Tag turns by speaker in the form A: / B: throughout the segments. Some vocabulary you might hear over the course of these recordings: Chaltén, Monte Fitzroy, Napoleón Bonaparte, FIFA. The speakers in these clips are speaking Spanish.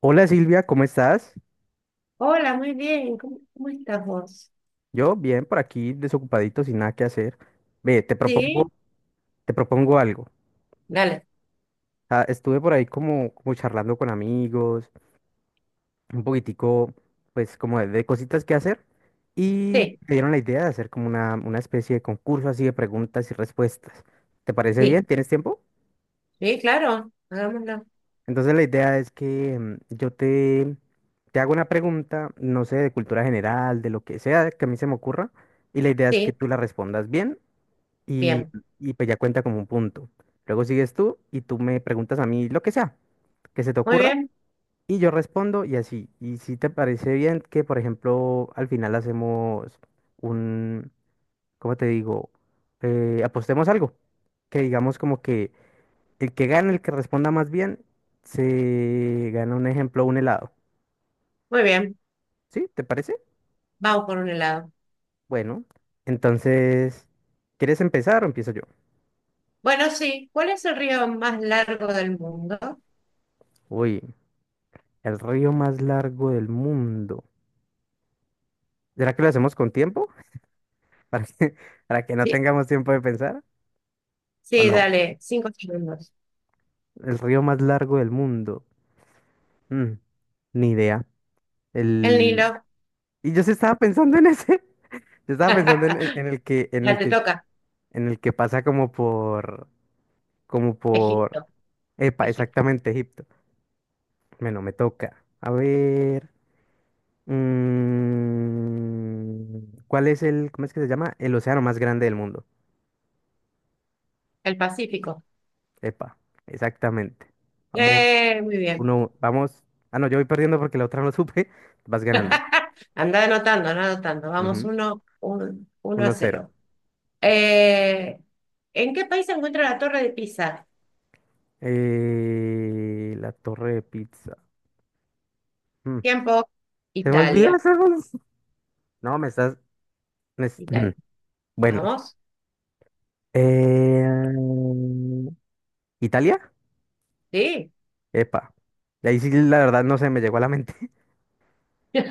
A: Hola Silvia, ¿cómo estás?
B: Hola, muy bien. ¿Cómo estás vos?
A: Yo bien, por aquí desocupadito, sin nada que hacer. Ve, te propongo,
B: Sí,
A: te propongo algo.
B: dale.
A: Estuve por ahí como charlando con amigos, un poquitico, pues como de cositas que hacer, y
B: Sí,
A: me dieron la idea de hacer como una especie de concurso así de preguntas y respuestas. ¿Te parece bien?
B: sí,
A: ¿Tienes tiempo?
B: sí, claro. Hagámoslo.
A: Entonces la idea es que te hago una pregunta, no sé, de cultura general, de lo que sea que a mí se me ocurra, y la idea es que
B: Sí,
A: tú la respondas bien y,
B: bien.
A: y pues ya cuenta como un punto. Luego sigues tú y tú me preguntas a mí lo que sea, que se te
B: Muy
A: ocurra,
B: bien,
A: y yo respondo y así. Y si te parece bien que, por ejemplo, al final hacemos un, ¿cómo te digo? Apostemos algo, que digamos como que el que gane, el que responda más bien, se gana un ejemplo, un helado.
B: muy bien.
A: ¿Sí? ¿Te parece?
B: Vamos por un helado.
A: Bueno, entonces, ¿quieres empezar o empiezo yo?
B: Bueno, sí. ¿Cuál es el río más largo del mundo?
A: Uy, el río más largo del mundo. ¿Será que lo hacemos con tiempo? ¿Para que, para que no
B: Sí,
A: tengamos tiempo de pensar? ¿O
B: sí,
A: no?
B: dale. 5 segundos.
A: El río más largo del mundo. Mm, ni idea.
B: El
A: El...
B: Nilo.
A: Y yo sí estaba pensando en ese. Yo estaba pensando
B: La te toca.
A: en el que pasa como por
B: Egipto,
A: epa,
B: Egipto.
A: exactamente Egipto. Bueno, me toca. A ver. mm, ¿Cuál es el, cómo es que se llama? El océano más grande del mundo.
B: El Pacífico.
A: Epa, exactamente. Vamos,
B: Muy bien.
A: uno, vamos. Ah, no, yo voy perdiendo porque la otra no supe. Vas ganando.
B: Anda anotando, anda anotando. Vamos,
A: Ujú,
B: uno, uno a
A: 1-0.
B: cero. Eh, ¿En qué país se encuentra la Torre de Pisa?
A: La torre de pizza. Mm,
B: Tiempo.
A: Se me olvidó
B: Italia.
A: hacer unos- No, me estás.
B: Italia.
A: Ujú, bueno.
B: Vamos.
A: Eh, ¿Italia?
B: Sí.
A: Epa. De ahí sí, la verdad, no se me llegó a la mente.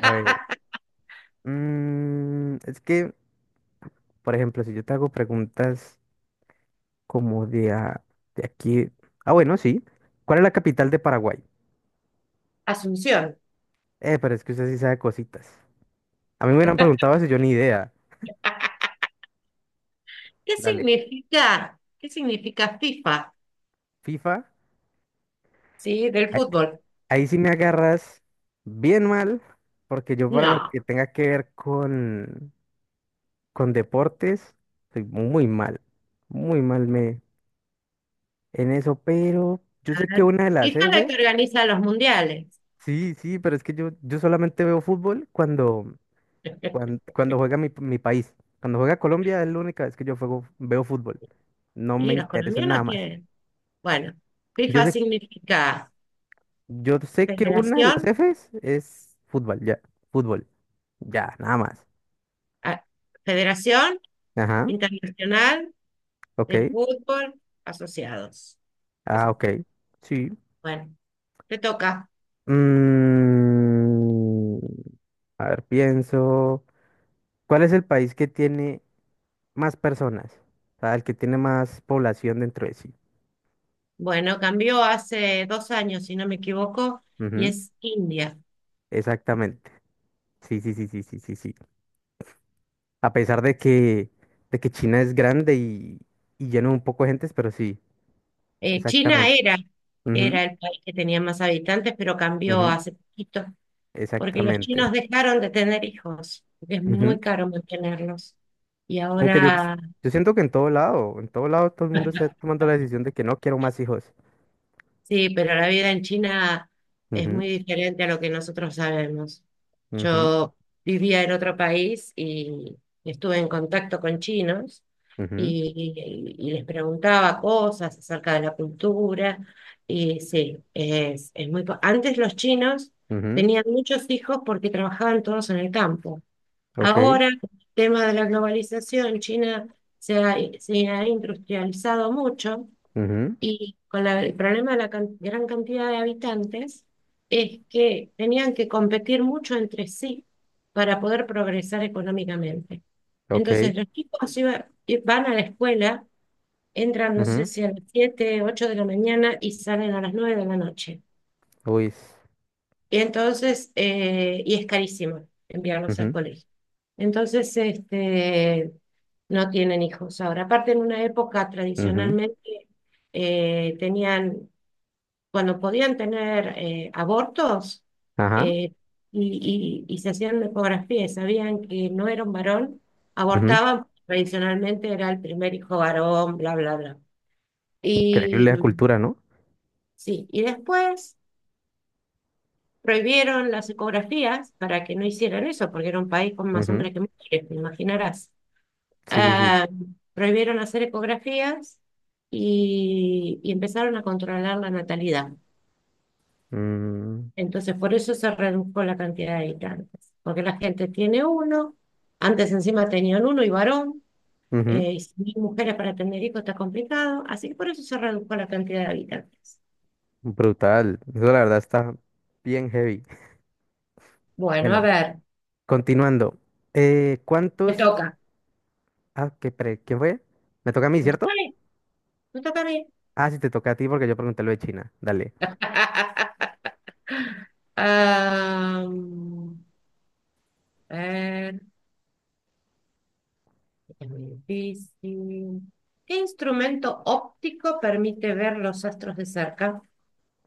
A: A ver. Es que, por ejemplo, si yo te hago preguntas. Como de, a- de aquí. Ah, bueno, sí. ¿Cuál es la capital de Paraguay?
B: Asunción.
A: Pero es que usted sí sabe cositas. A mí me hubieran preguntado eso, yo ni idea. Dale.
B: ¿Qué significa FIFA?
A: FIFA.
B: Sí, del
A: Ahí,
B: fútbol.
A: ahí sí me agarras bien mal, porque yo para lo
B: No.
A: que tenga que ver con deportes, soy muy mal. Muy mal me en eso, pero yo sé que una de las
B: FIFA es la
A: F.
B: que organiza los mundiales.
A: Sí, sí, pero es que yo solamente veo fútbol cuando Cuando, cuando juega mi país, cuando juega Colombia es la única vez que yo juego, veo fútbol. No me
B: Y los
A: interesa en nada
B: colombianos
A: más.
B: tienen. Bueno,
A: Yo
B: FIFA
A: sé,
B: significa
A: yo sé que una de las
B: Federación,
A: Fs es fútbol, ya. Fútbol, ya, nada más.
B: ah, Federación
A: Ajá,
B: Internacional
A: ok.
B: de Fútbol Asociados. Eso.
A: Ah, ok. Sí.
B: Bueno, te toca.
A: Mm, a ver, pienso. ¿Cuál es el país que tiene más personas? O sea, el que tiene más población dentro de sí.
B: Bueno, cambió hace 2 años, si no me equivoco, y
A: Ujú,
B: es India.
A: exactamente. Sí, sí, sí, sí, sí, sí, sí. A pesar de que China es grande y llena un poco de gentes, pero sí,
B: China
A: exactamente.
B: era,
A: Ujú,
B: era el país que tenía más habitantes, pero cambió
A: ujú,
B: hace poquito, porque los
A: exactamente.
B: chinos dejaron de tener hijos, porque es
A: Ujú.
B: muy caro mantenerlos. Y
A: Aunque yo,
B: ahora.
A: yo siento que en todo lado todo el mundo está tomando la decisión de que no quiero más hijos.
B: Sí, pero la vida en China es muy diferente a lo que nosotros sabemos.
A: Ujú, ujú,
B: Yo vivía en otro país y estuve en contacto con chinos
A: ujú,
B: y les preguntaba cosas acerca de la cultura. Y sí, es muy. Antes los chinos
A: ujú,
B: tenían muchos hijos porque trabajaban todos en el campo.
A: ok,
B: Ahora, con el tema de la globalización, China se ha industrializado mucho
A: ujú,
B: y con el problema de la gran cantidad de habitantes es que tenían que competir mucho entre sí para poder progresar económicamente.
A: ok,
B: Entonces, los chicos van a la escuela, entran, no sé
A: ujú,
B: si a las 7 8 de la mañana y salen a las 9 de la noche.
A: uy, s-
B: Y entonces, es carísimo enviarlos al
A: ujú,
B: colegio. Entonces, no tienen hijos ahora. Aparte, en una época
A: ujú,
B: tradicionalmente tenían cuando podían tener abortos
A: ajá,
B: eh, y se hacían una ecografía y sabían que no era un varón,
A: ujú.
B: abortaban, tradicionalmente era el primer hijo varón, bla, bla, bla. Y
A: Increíble la cultura, ¿no?
B: sí, y después prohibieron las ecografías para que no hicieran eso, porque era un país con más
A: Ujú,
B: hombres que mujeres, te imaginarás.
A: sí, sí, sí.
B: Ah, prohibieron hacer ecografías y empezaron a controlar la natalidad.
A: mm,
B: Entonces, por eso se redujo la cantidad de habitantes, porque la gente tiene uno, antes encima tenían uno y varón,
A: ujú,
B: y si hay mujeres para tener hijos está complicado, así que por eso se redujo la cantidad de habitantes.
A: brutal. Eso la verdad está bien heavy.
B: Bueno, a
A: Bueno,
B: ver,
A: continuando.
B: me
A: ¿Cuántos?
B: toca.
A: Ah, ¿qué, pre- ¿quién fue? Me toca a mí,
B: Me toca
A: ¿cierto?
B: a mí, me toca a mí.
A: Ah, sí, te toca a ti porque yo pregunté lo de China. Dale.
B: Am, a ver, es muy difícil. ¿Qué instrumento óptico permite ver los astros de cerca?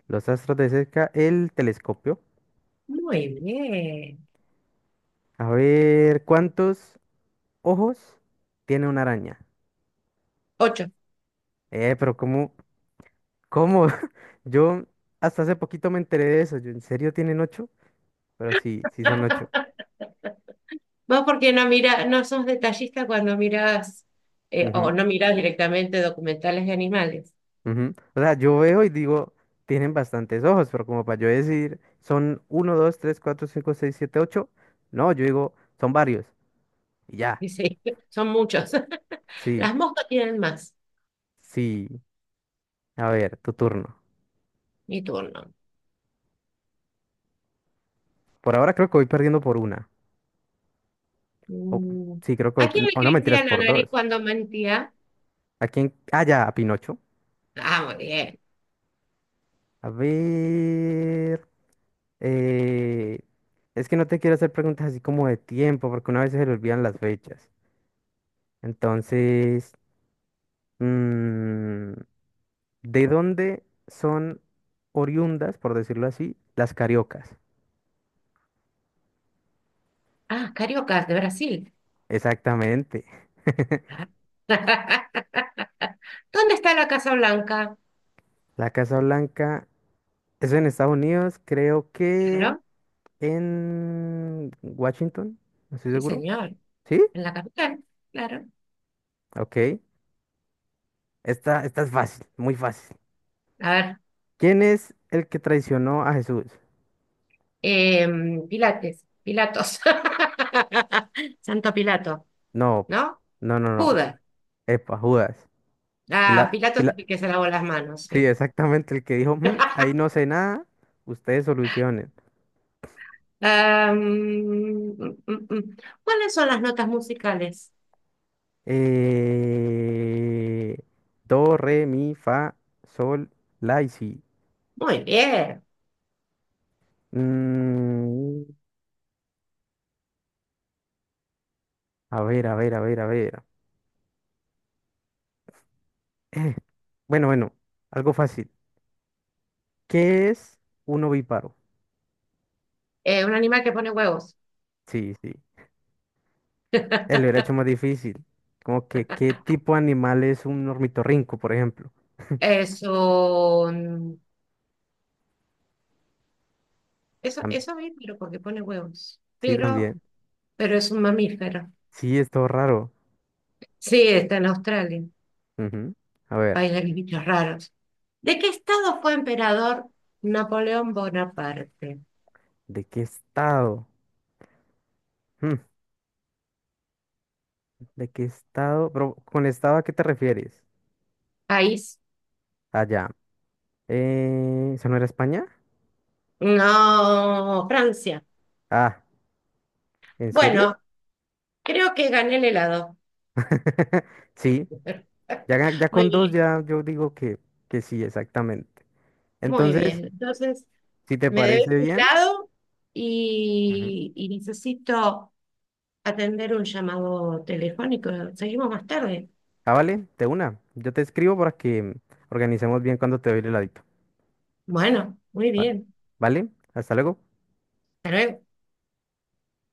A: Los astros de cerca, el telescopio.
B: Muy bien.
A: A ver, ¿cuántos ojos tiene una araña?
B: Ocho.
A: Pero ¿cómo? ¿Cómo? Yo hasta hace poquito me enteré de eso. Yo, ¿en serio tienen ocho? Pero sí, sí son ocho.
B: Vos porque no mira, no sos detallista cuando mirás, o
A: Ujú.
B: no mirás directamente documentales de animales.
A: Ujú. O sea, yo veo y digo, tienen bastantes ojos, pero como para yo decir, son uno, 2, 3, 4, 5, 6, 7, 8. No, yo digo, son varios. Y ya,
B: Y sí, son muchos.
A: sí,
B: Las moscas tienen más.
A: sí. A ver, tu turno.
B: Mi turno.
A: Por ahora creo que voy perdiendo por una. O-
B: Mm.
A: sí, creo que voy,
B: ¿A quién le
A: o no, mentiras,
B: crecía la
A: por dos.
B: nariz cuando mentía?
A: ¿A quién? Ah, ya, a Pinocho.
B: Ah, muy bien.
A: A ver. eh, es que no te quiero hacer preguntas así como de tiempo, porque una vez se le olvidan las fechas. Entonces... mm, ¿de dónde son oriundas, por decirlo así, las cariocas?
B: Ah, cariocas de Brasil.
A: Exactamente.
B: Ah. ¿Dónde está la Casa Blanca?
A: La Casa Blanca es en Estados Unidos, creo que
B: Claro,
A: en Washington, no estoy
B: sí,
A: seguro.
B: señor.
A: ¿Sí?
B: En la capital, claro.
A: Ok. Esta es fácil, muy fácil.
B: A ver,
A: ¿Quién es el que traicionó a Jesús?
B: Pilates, Pilatos. Santo Pilato.
A: No,
B: ¿No?
A: no.
B: Judas.
A: Epa, Judas. Pila,
B: Ah, Pilato es
A: pila.
B: el que se lavó las manos,
A: Sí,
B: sí.
A: exactamente el que dijo, "Mm, ahí no sé nada, ustedes solucionen.
B: Ah, mm, mm, mm. ¿Cuáles son las notas musicales?
A: Eh, do, re, mi, fa, sol, la y si.
B: Muy bien.
A: Mm, a ver, a ver, a ver, a ver. Eh, Bueno, bueno, algo fácil. ¿Qué es un ovíparo?
B: Un animal que pone huevos.
A: Sí, sí. Él lo hubiera hecho más difícil. Como que, ¿qué tipo de animal es un ornitorrinco, por ejemplo?
B: Eso, eso,
A: Tam-
B: eso bien, pero porque pone huevos.
A: sí,
B: Pero,
A: también.
B: pero es un mamífero.
A: Sí, es todo raro.
B: Sí, está en Australia,
A: Ujú. A ver,
B: país de los bichos raros. ¿De qué estado fue emperador Napoleón Bonaparte?
A: ¿de qué estado? Hmm, ¿de qué estado? Pero, ¿con estado a qué te refieres?
B: País.
A: Allá. ¿Esa no era España?
B: No, Francia.
A: Ah, ¿en serio?
B: Bueno, creo que gané el helado.
A: Sí, ya, ya
B: Muy
A: con dos
B: bien,
A: ya yo digo que sí, exactamente.
B: muy
A: Entonces,
B: bien. Entonces,
A: si te
B: me debes
A: parece
B: un
A: bien,
B: helado
A: ujú.
B: y necesito atender un llamado telefónico. Seguimos más tarde.
A: Ah, vale, de una. Yo te escribo para que organicemos bien cuando te doy el heladito.
B: Bueno, muy
A: Vale,
B: bien.
A: ¿vale? Hasta luego.
B: Hasta luego.